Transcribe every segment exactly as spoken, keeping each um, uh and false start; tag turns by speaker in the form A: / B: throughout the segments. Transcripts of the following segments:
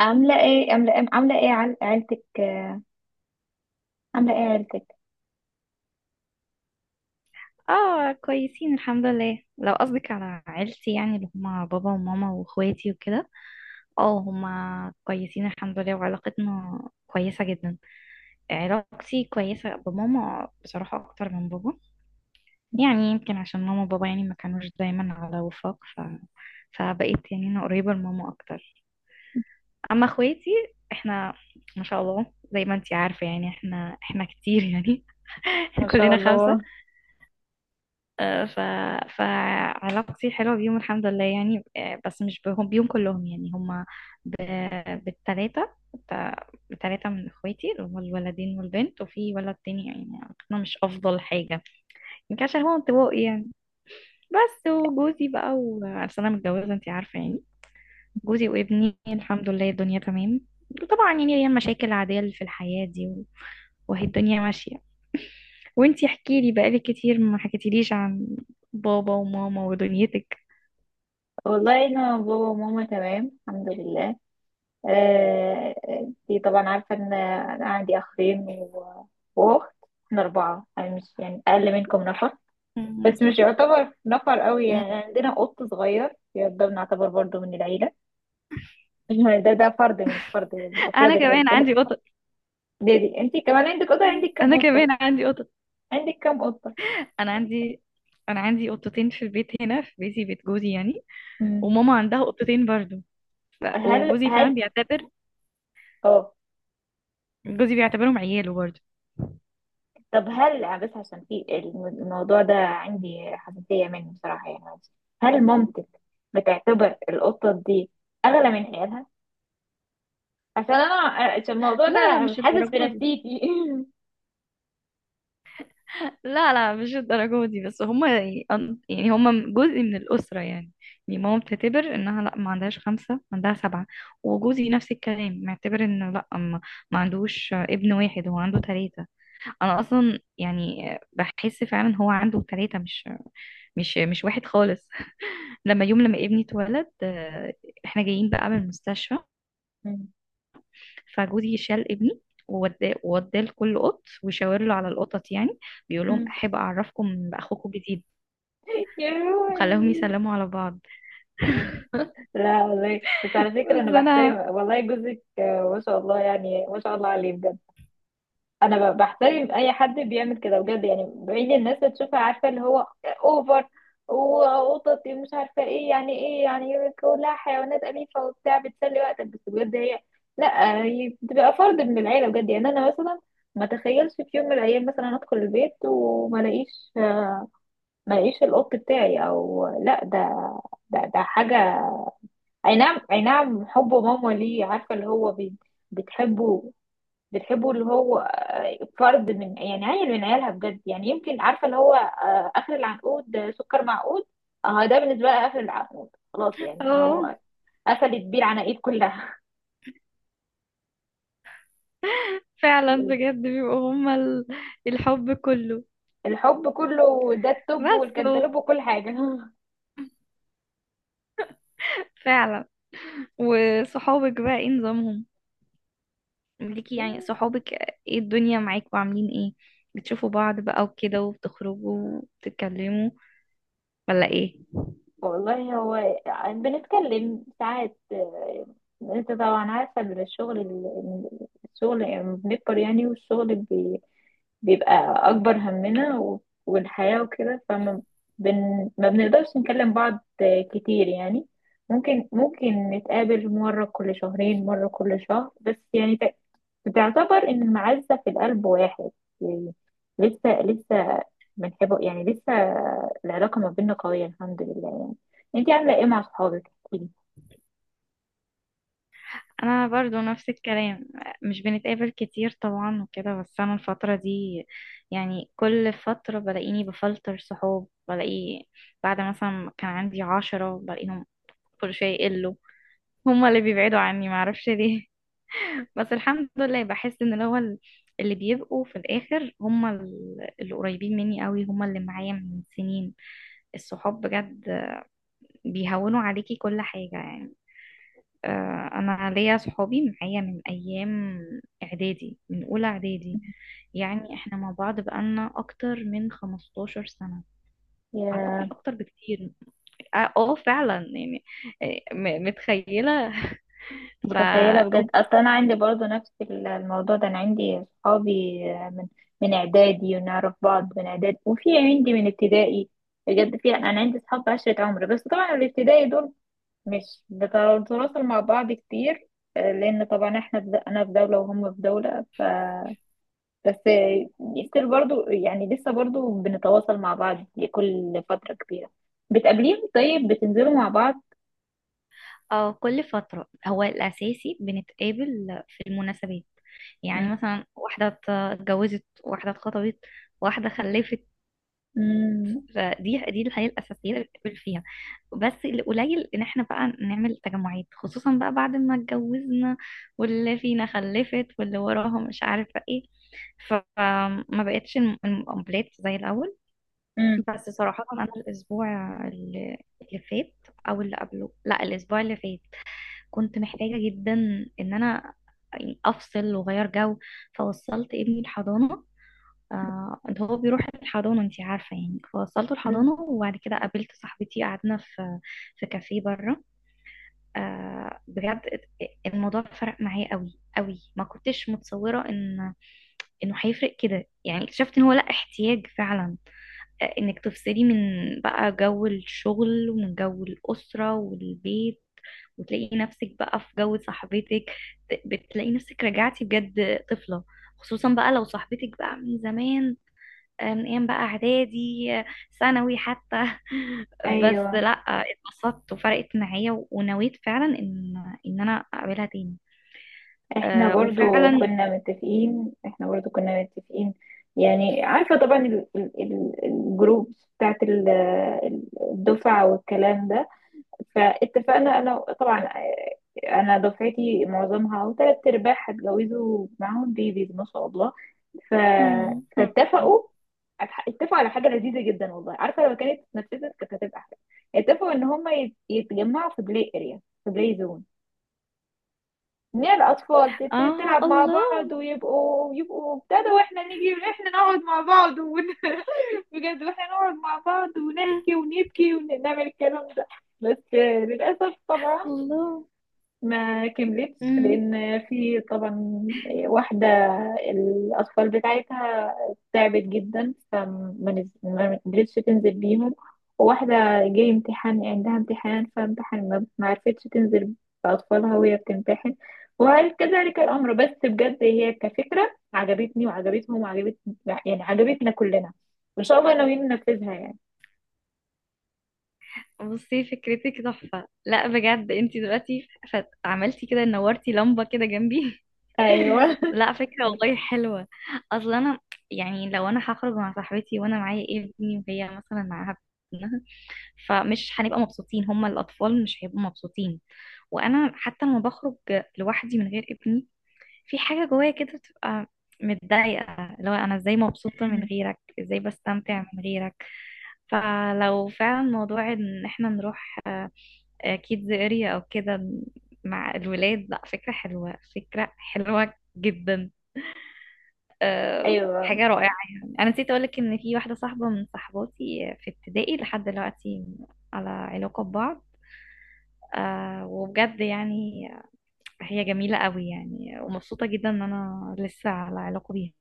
A: عاملة ايه عاملة ايه عاملة ايه عل- عيلتك؟ آه، عاملة ايه عيلتك
B: اه كويسين الحمد لله. لو قصدك على عيلتي يعني اللي هما بابا وماما واخواتي وكده، اه هما كويسين الحمد لله، وعلاقتنا كويسة جدا. علاقتي كويسة بماما بصراحة أكتر من بابا، يعني يمكن عشان ماما وبابا يعني ما كانوش دايما على وفاق، ف... فبقيت يعني أنا قريبة لماما أكتر. أما اخواتي، احنا ما شاء الله، زي ما انتي عارفة يعني احنا احنا كتير يعني.
A: ما شاء
B: كلنا
A: الله.
B: خمسة. آه، ف... فعلاقتي حلوة بيهم الحمد لله يعني. آه، بس مش بهم بيهم كلهم يعني هما ب... بالتلاتة، بت- بتلاتة من اخواتي اللي هما الولدين والبنت، وفي ولد تاني يعني علاقتنا مش افضل حاجة، يمكن عشان هو انطوائي يعني. بس وجوزي بقى، وعشان انا متجوزة انتي عارفة يعني، جوزي وابني الحمد لله الدنيا تمام. وطبعا يعني هي المشاكل العادية اللي في الحياة دي، و... وهي الدنيا ماشية. وانتي احكيلي، بقالي كتير ما حكيتيليش عن بابا وماما ودنيتك.
A: والله انا بابا وماما تمام الحمد لله. آه، دي طبعا عارفة ان انا عندي اخين و- واخت. احنا اربعة، يعني مش يعني اقل منكم نفر،
B: مم.
A: بس مش يعتبر نفر قوي.
B: مم.
A: يعني عندنا قط صغير، يعني ده بنعتبر برضو من العيلة. ده ده فرد من فرد من افراد
B: انا
A: العيلة
B: كمان
A: ده.
B: عندي قطط.
A: دي, دي. انتي كمان عندك قطة؟
B: مم.
A: عندك
B: انا
A: كم
B: كمان
A: قطة؟
B: عندي قطط.
A: عندك كم قطة؟
B: انا عندي، انا عندي قطتين في البيت، هنا في بيتي بيت جوزي يعني.
A: مم.
B: وماما عندها قطتين برضو. ف...
A: هل
B: وجوزي فعلا
A: هل
B: بيعتبر،
A: اه،
B: جوزي بيعتبرهم عياله برضو.
A: طب هل، بس عشان في الم- الموضوع ده عندي حساسية منه بصراحة، يعني معلش. هل مامتك بتعتبر القطة دي أغلى من حياتها؟ عشان أنا، عشان الموضوع
B: لا لا
A: ده
B: مش
A: حاسس في
B: الدرجة دي،
A: نفسيتي.
B: لا لا مش الدرجة دي، بس هما يعني، يعني هما جزء من الأسرة يعني. يعني ماما بتعتبر انها لا، ما عندهاش خمسة، ما عندها سبعة. وجوزي نفس الكلام، معتبر انه لا، ما ما عندوش ابن واحد، هو عنده ثلاثة. انا اصلا يعني بحس فعلا هو عنده ثلاثة، مش مش مش واحد خالص. لما يوم لما ابني اتولد، آه، احنا جايين بقى من المستشفى، فجوزي شال ابني ووداه ووداه لكل قط، وشاور له على القطط يعني، بيقول لهم احب اعرفكم باخوكم الجديد،
A: يا
B: وخلاهم
A: روحي.
B: يسلموا على بعض.
A: لا والله، بس على فكرة
B: بس
A: أنا بحترم
B: انا
A: والله جوزك، آه، ما شاء الله، يعني ما شاء الله عليه بجد. انا ب- بحترم اي حد بيعمل كده بجد، يعني بعيد الناس اللي تشوفها، عارفه اللي هو اوفر، وقطط مش عارفه ايه، يعني ايه يعني؟ كلها حيوانات اليفه وبتاع، بتسلي وقتك. بس بجد هي، لا هي بتبقى فرد من العيله بجد. يعني انا مثلا ما تخيلش في يوم من الايام مثلا ادخل البيت وما الاقيش، ما الاقيش القط بتاعي او لا، ده، ده ده حاجه. اي نعم اي نعم، حب ماما ليه، عارفه اللي هو بي- بتحبه، بتحبه، اللي هو آه، فرد من، يعني عيل من عيالها بجد، يعني يمكن عارفه اللي هو آه، اخر العنقود، آه، سكر معقود. اه ده بالنسبه لها اخر العنقود خلاص، يعني
B: اه
A: هو قفلت بيه العناقيد كلها.
B: فعلا بجد بيبقوا هما ال- الحب كله.
A: الحب كله، ده التوب
B: بس هو-
A: والكنتالوب وكل حاجه.
B: فعلا. وصحابك بقى ايه نظامهم ليكي يعني، صحابك ايه الدنيا معاكوا عاملين ايه؟ بتشوفوا بعض بقى وكده وبتخرجوا وبتتكلموا ولا ايه؟
A: والله هو بنتكلم ساعات، آه، انت طبعا عارفة إن الشغل ال- الشغل، يعني بنكبر يعني، والشغل بي بيبقى أكبر همنا، و- والحياة وكده، فما بن ما بنقدرش نكلم بعض كتير يعني. ممكن ممكن نتقابل مرة كل شهرين، مرة كل شهر، بس يعني بتعتبر ان المعزة في القلب واحد يعني. لسه لسه بنحبه يعني، لسه العلاقة ما بيننا قوية الحمد لله يعني. انتي عاملة ايه مع صحابك؟ احكيلي.
B: انا برضو نفس الكلام، مش بنتقابل كتير طبعا وكده. بس انا الفترة دي يعني كل فترة بلاقيني بفلتر صحاب، بلاقي بعد مثلا ما كان عندي عشرة بلاقيهم كل شوية يقلوا، هما اللي بيبعدوا عني معرفش ليه. بس الحمد لله بحس ان اللي هو ال- اللي بيبقوا في الاخر هم ال- اللي قريبين مني قوي، هم اللي معايا من سنين. الصحاب بجد بيهونوا عليكي كل حاجة يعني. آه، انا ليا صحابي معايا من ايام اعدادي، من اولى اعدادي، يعني احنا مع بعض بقالنا اكتر من 15 سنة، اعتقد
A: يا
B: اكتر بكتير. اه آه، فعلا يعني. آه، م- متخيلة. ف
A: متخيلة بجد، اصل انا عندي برضو نفس ال- الموضوع ده. انا عندي صحابي من من اعدادي، ونعرف بعض من اعدادي، وفي عندي من ابتدائي. بجد في، انا عندي صحاب عشرة عمر. بس طبعا الابتدائي دول مش بنتواصل مع بعض كتير، آه، لان طبعا احنا في د- انا في دولة وهم في دولة. بس ستيل برضو يعني، لسه برضو بنتواصل مع بعض لكل فترة كبيرة. بتقابليهم؟ طيب بتنزلوا مع بعض؟
B: اه كل فترة، هو الأساسي بنتقابل في المناسبات،
A: مم.
B: يعني مثلا واحدة اتجوزت، واحدة اتخطبت، واحدة خلفت.
A: مم.
B: فدي دي الحياة الأساسية اللي بنتقابل فيها، بس القليل إن احنا بقى نعمل تجمعات، خصوصا بقى بعد ما اتجوزنا واللي فينا خلفت واللي وراها مش عارفة ايه. فما بقتش الم- المقابلات زي الأول.
A: مم.
B: بس صراحة أنا الأسبوع اللي اللي فات، أو اللي قبله، لا الأسبوع اللي فات، كنت محتاجة جدا ان انا يعني افصل واغير جو. فوصلت ابني الحضانة، آه انت هو بيروح الحضانة انت عارفة يعني، فوصلته
A: مم.
B: الحضانة وبعد كده قابلت صاحبتي، قعدنا في في كافيه بره. آه بجد الموضوع فرق معايا قوي قوي، ما كنتش متصورة ان انه هيفرق كده يعني. اكتشفت ان هو لا احتياج فعلا انك تفصلي من بقى جو الشغل ومن جو الأسرة والبيت، وتلاقي نفسك بقى في جو صاحبتك، ت- بتلاقي نفسك رجعتي بجد طفلة، خصوصا بقى لو صاحبتك بقى من زمان، آه، من ايام بقى اعدادي، آه، ثانوي حتى. بس
A: ايوه،
B: لا آه، اتبسطت وفرقت معايا، و- ونويت فعلا ان ان انا اقابلها تاني.
A: احنا
B: آه
A: برضو
B: وفعلا.
A: كنا متفقين، احنا برضو كنا متفقين. يعني عارفة طبعا الجروب بتاعت ال- الجروبس بتاعت ال- الدفعة والكلام ده. فاتفقنا انا طبعا، آه، انا دفعتي معظمها او تلات ارباع هتجوزوا، معاهم بيبيز ما شاء الله. ف...
B: مم.
A: فاتفقوا، اتفقوا على حاجه لذيذه جدا والله. عارفه لو كانت اتنفذت كانت هتبقى احلى. اتفقوا ان هم يتجمعوا في بلاي اريا، في بلاي زون، ان هي الاطفال ت- ت-
B: اه
A: تلعب مع بعض،
B: الله.
A: ويبقوا يبقوا ابتدوا، واحنا نيجي واحنا نقعد مع بعض ون... بجد واحنا نقعد مع بعض
B: مم.
A: ونحكي ونبكي ونعمل الكلام ده. بس آه، للاسف طبعا
B: الله.
A: ما كملتش،
B: مم.
A: لان في طبعا واحده الاطفال بتاعتها تعبت جدا، فما نز- ما قدرتش تنزل بيهم. وواحده جاي امتحان، عندها امتحان، فامتحان ما ما عرفتش تنزل باطفالها وهي بتمتحن. وكذلك الامر. بس بجد هي كفكره عجبتني وعجبتهم وعجبت، يعني عجبتنا كلنا، وان شاء الله ناويين ننفذها يعني.
B: بصي فكرتك تحفة، لا بجد انتي دلوقتي فت- عملتي كده نورتي لمبة كده جنبي.
A: ايوه.
B: لا فكرة والله حلوة. اصل انا يعني لو انا هخرج مع صاحبتي وانا معايا إيه ابني، وهي مثلا معاها ابنها، فمش هنبقى مبسوطين، هما الاطفال مش هيبقوا مبسوطين. وانا حتى لما بخرج لوحدي من غير ابني، في حاجة جوايا كده بتبقى متضايقة، لو انا ازاي مبسوطة من
A: مم.
B: غيرك، ازاي بستمتع من غيرك. فلو فعلا موضوع ان احنا نروح كيدز اريا او كده مع الولاد، لا فكرة حلوة، فكرة حلوة جدا. أه
A: ايوه،
B: حاجة رائعة. يعني انا نسيت اقولك ان في واحدة صاحبة من صحباتي في ابتدائي لحد دلوقتي على علاقة ببعض. أه وبجد يعني هي جميلة قوي يعني، ومبسوطة جدا ان انا لسه على علاقة بيها،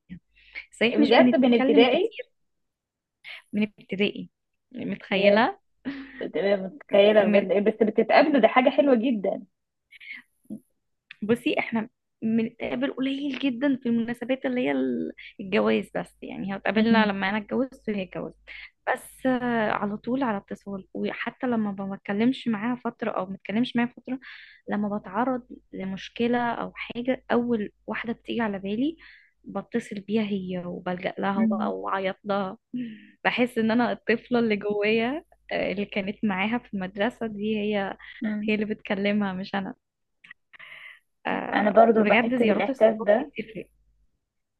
B: صحيح مش
A: بجد من
B: بنتكلم
A: ابتدائي؟
B: كتير. من ابتدائي، متخيلة.
A: بتبقى متخيله بجد إيه، بس بتتقابلوا، ده حاجه حلوه جدا.
B: بصي احنا بنتقابل قليل جدا، في المناسبات اللي هي ال- الجواز بس، يعني هتقابلنا
A: مم.
B: لما انا اتجوزت وهي اتجوزت. بس آه، على طول على اتصال. وحتى لما ما بتكلمش معاها فترة او ما بتكلمش معاها فترة، لما بتعرض لمشكلة او حاجة اول واحدة بتيجي على بالي بتصل بيها هي، وبلجأ لها،
A: مم.
B: وبقى واعيط لها. بحس ان انا الطفلة اللي جوايا، آه، اللي كانت معاها في المدرسة دي، هي
A: مم.
B: هي اللي بتكلمها مش انا.
A: انا
B: آه
A: برضو بحس
B: بجد زيارات
A: بالاحساس
B: الصحاب دي
A: ده،
B: بتفرق.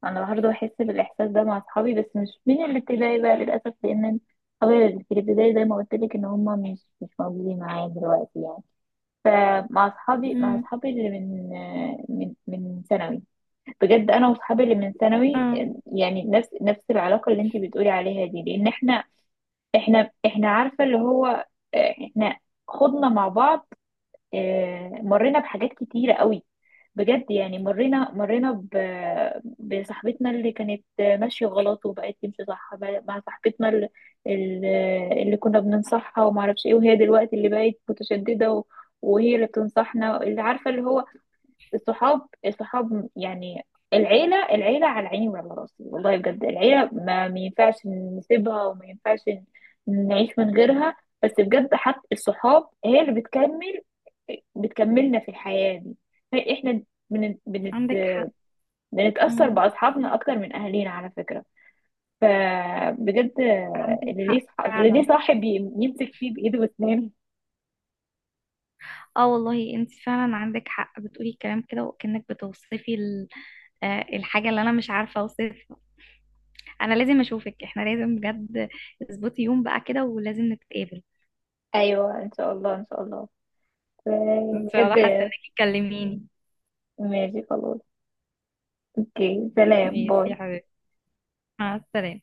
A: انا برضو بحس بالاحساس ده مع اصحابي، بس مش من الابتدائي بقى للاسف، لان اصحابي اللي في الابتدائي زي ما قلت لك، ان هم مش مش موجودين معايا دلوقتي يعني. مع اصحابي، مع
B: امم.
A: اصحابي اللي من من من ثانوي، بجد انا واصحابي اللي من ثانوي،
B: اه
A: يعني نفس نفس العلاقه اللي انت بتقولي عليها دي. لان احنا، احنا احنا عارفه اللي هو، احنا خضنا مع بعض، آه، مرينا بحاجات كتيرة قوي بجد يعني. مرينا مرينا ب- بصاحبتنا اللي كانت ماشية غلط وبقت تمشي صح، بقى مع صاحبتنا ال- ال- اللي كنا بننصحها وما اعرفش ايه، وهي دلوقتي اللي بقت متشددة، و- وهي اللي بتنصحنا، اللي عارفة اللي هو. الصحاب الصحاب يعني، العيلة العيلة على عيني وعلى راسي والله بجد. العيلة ما ما ينفعش نسيبها، وما ينفعش نعيش من غيرها. بس بجد حتى الصحاب هي اللي بتكمل، بتكملنا في الحياة دي. طيب، احنا بنت... بنت...
B: عندك حق.
A: بنتأثر
B: امم.
A: بأصحابنا أكتر من أهالينا على فكرة. فبجد،
B: عندك
A: اللي ليه
B: حق
A: صح... اللي ليه
B: فعلا.
A: صاحب ي- يمسك فيه بإيده واسنانه.
B: اه والله انت فعلا عندك حق، بتقولي الكلام كده وكأنك بتوصفي ال- آه، الحاجة اللي انا مش عارفة اوصفها. انا لازم اشوفك، احنا لازم بجد اظبطي يوم بقى كده ولازم نتقابل.
A: أيوة إن شاء الله، إن شاء الله. ف-
B: ان شاء الله،
A: بجد،
B: حاسة انك تكلميني.
A: ماشي، خلاص، أوكي، سلام،
B: ماشي يا
A: باي.
B: حبيبتي، مع السلامة.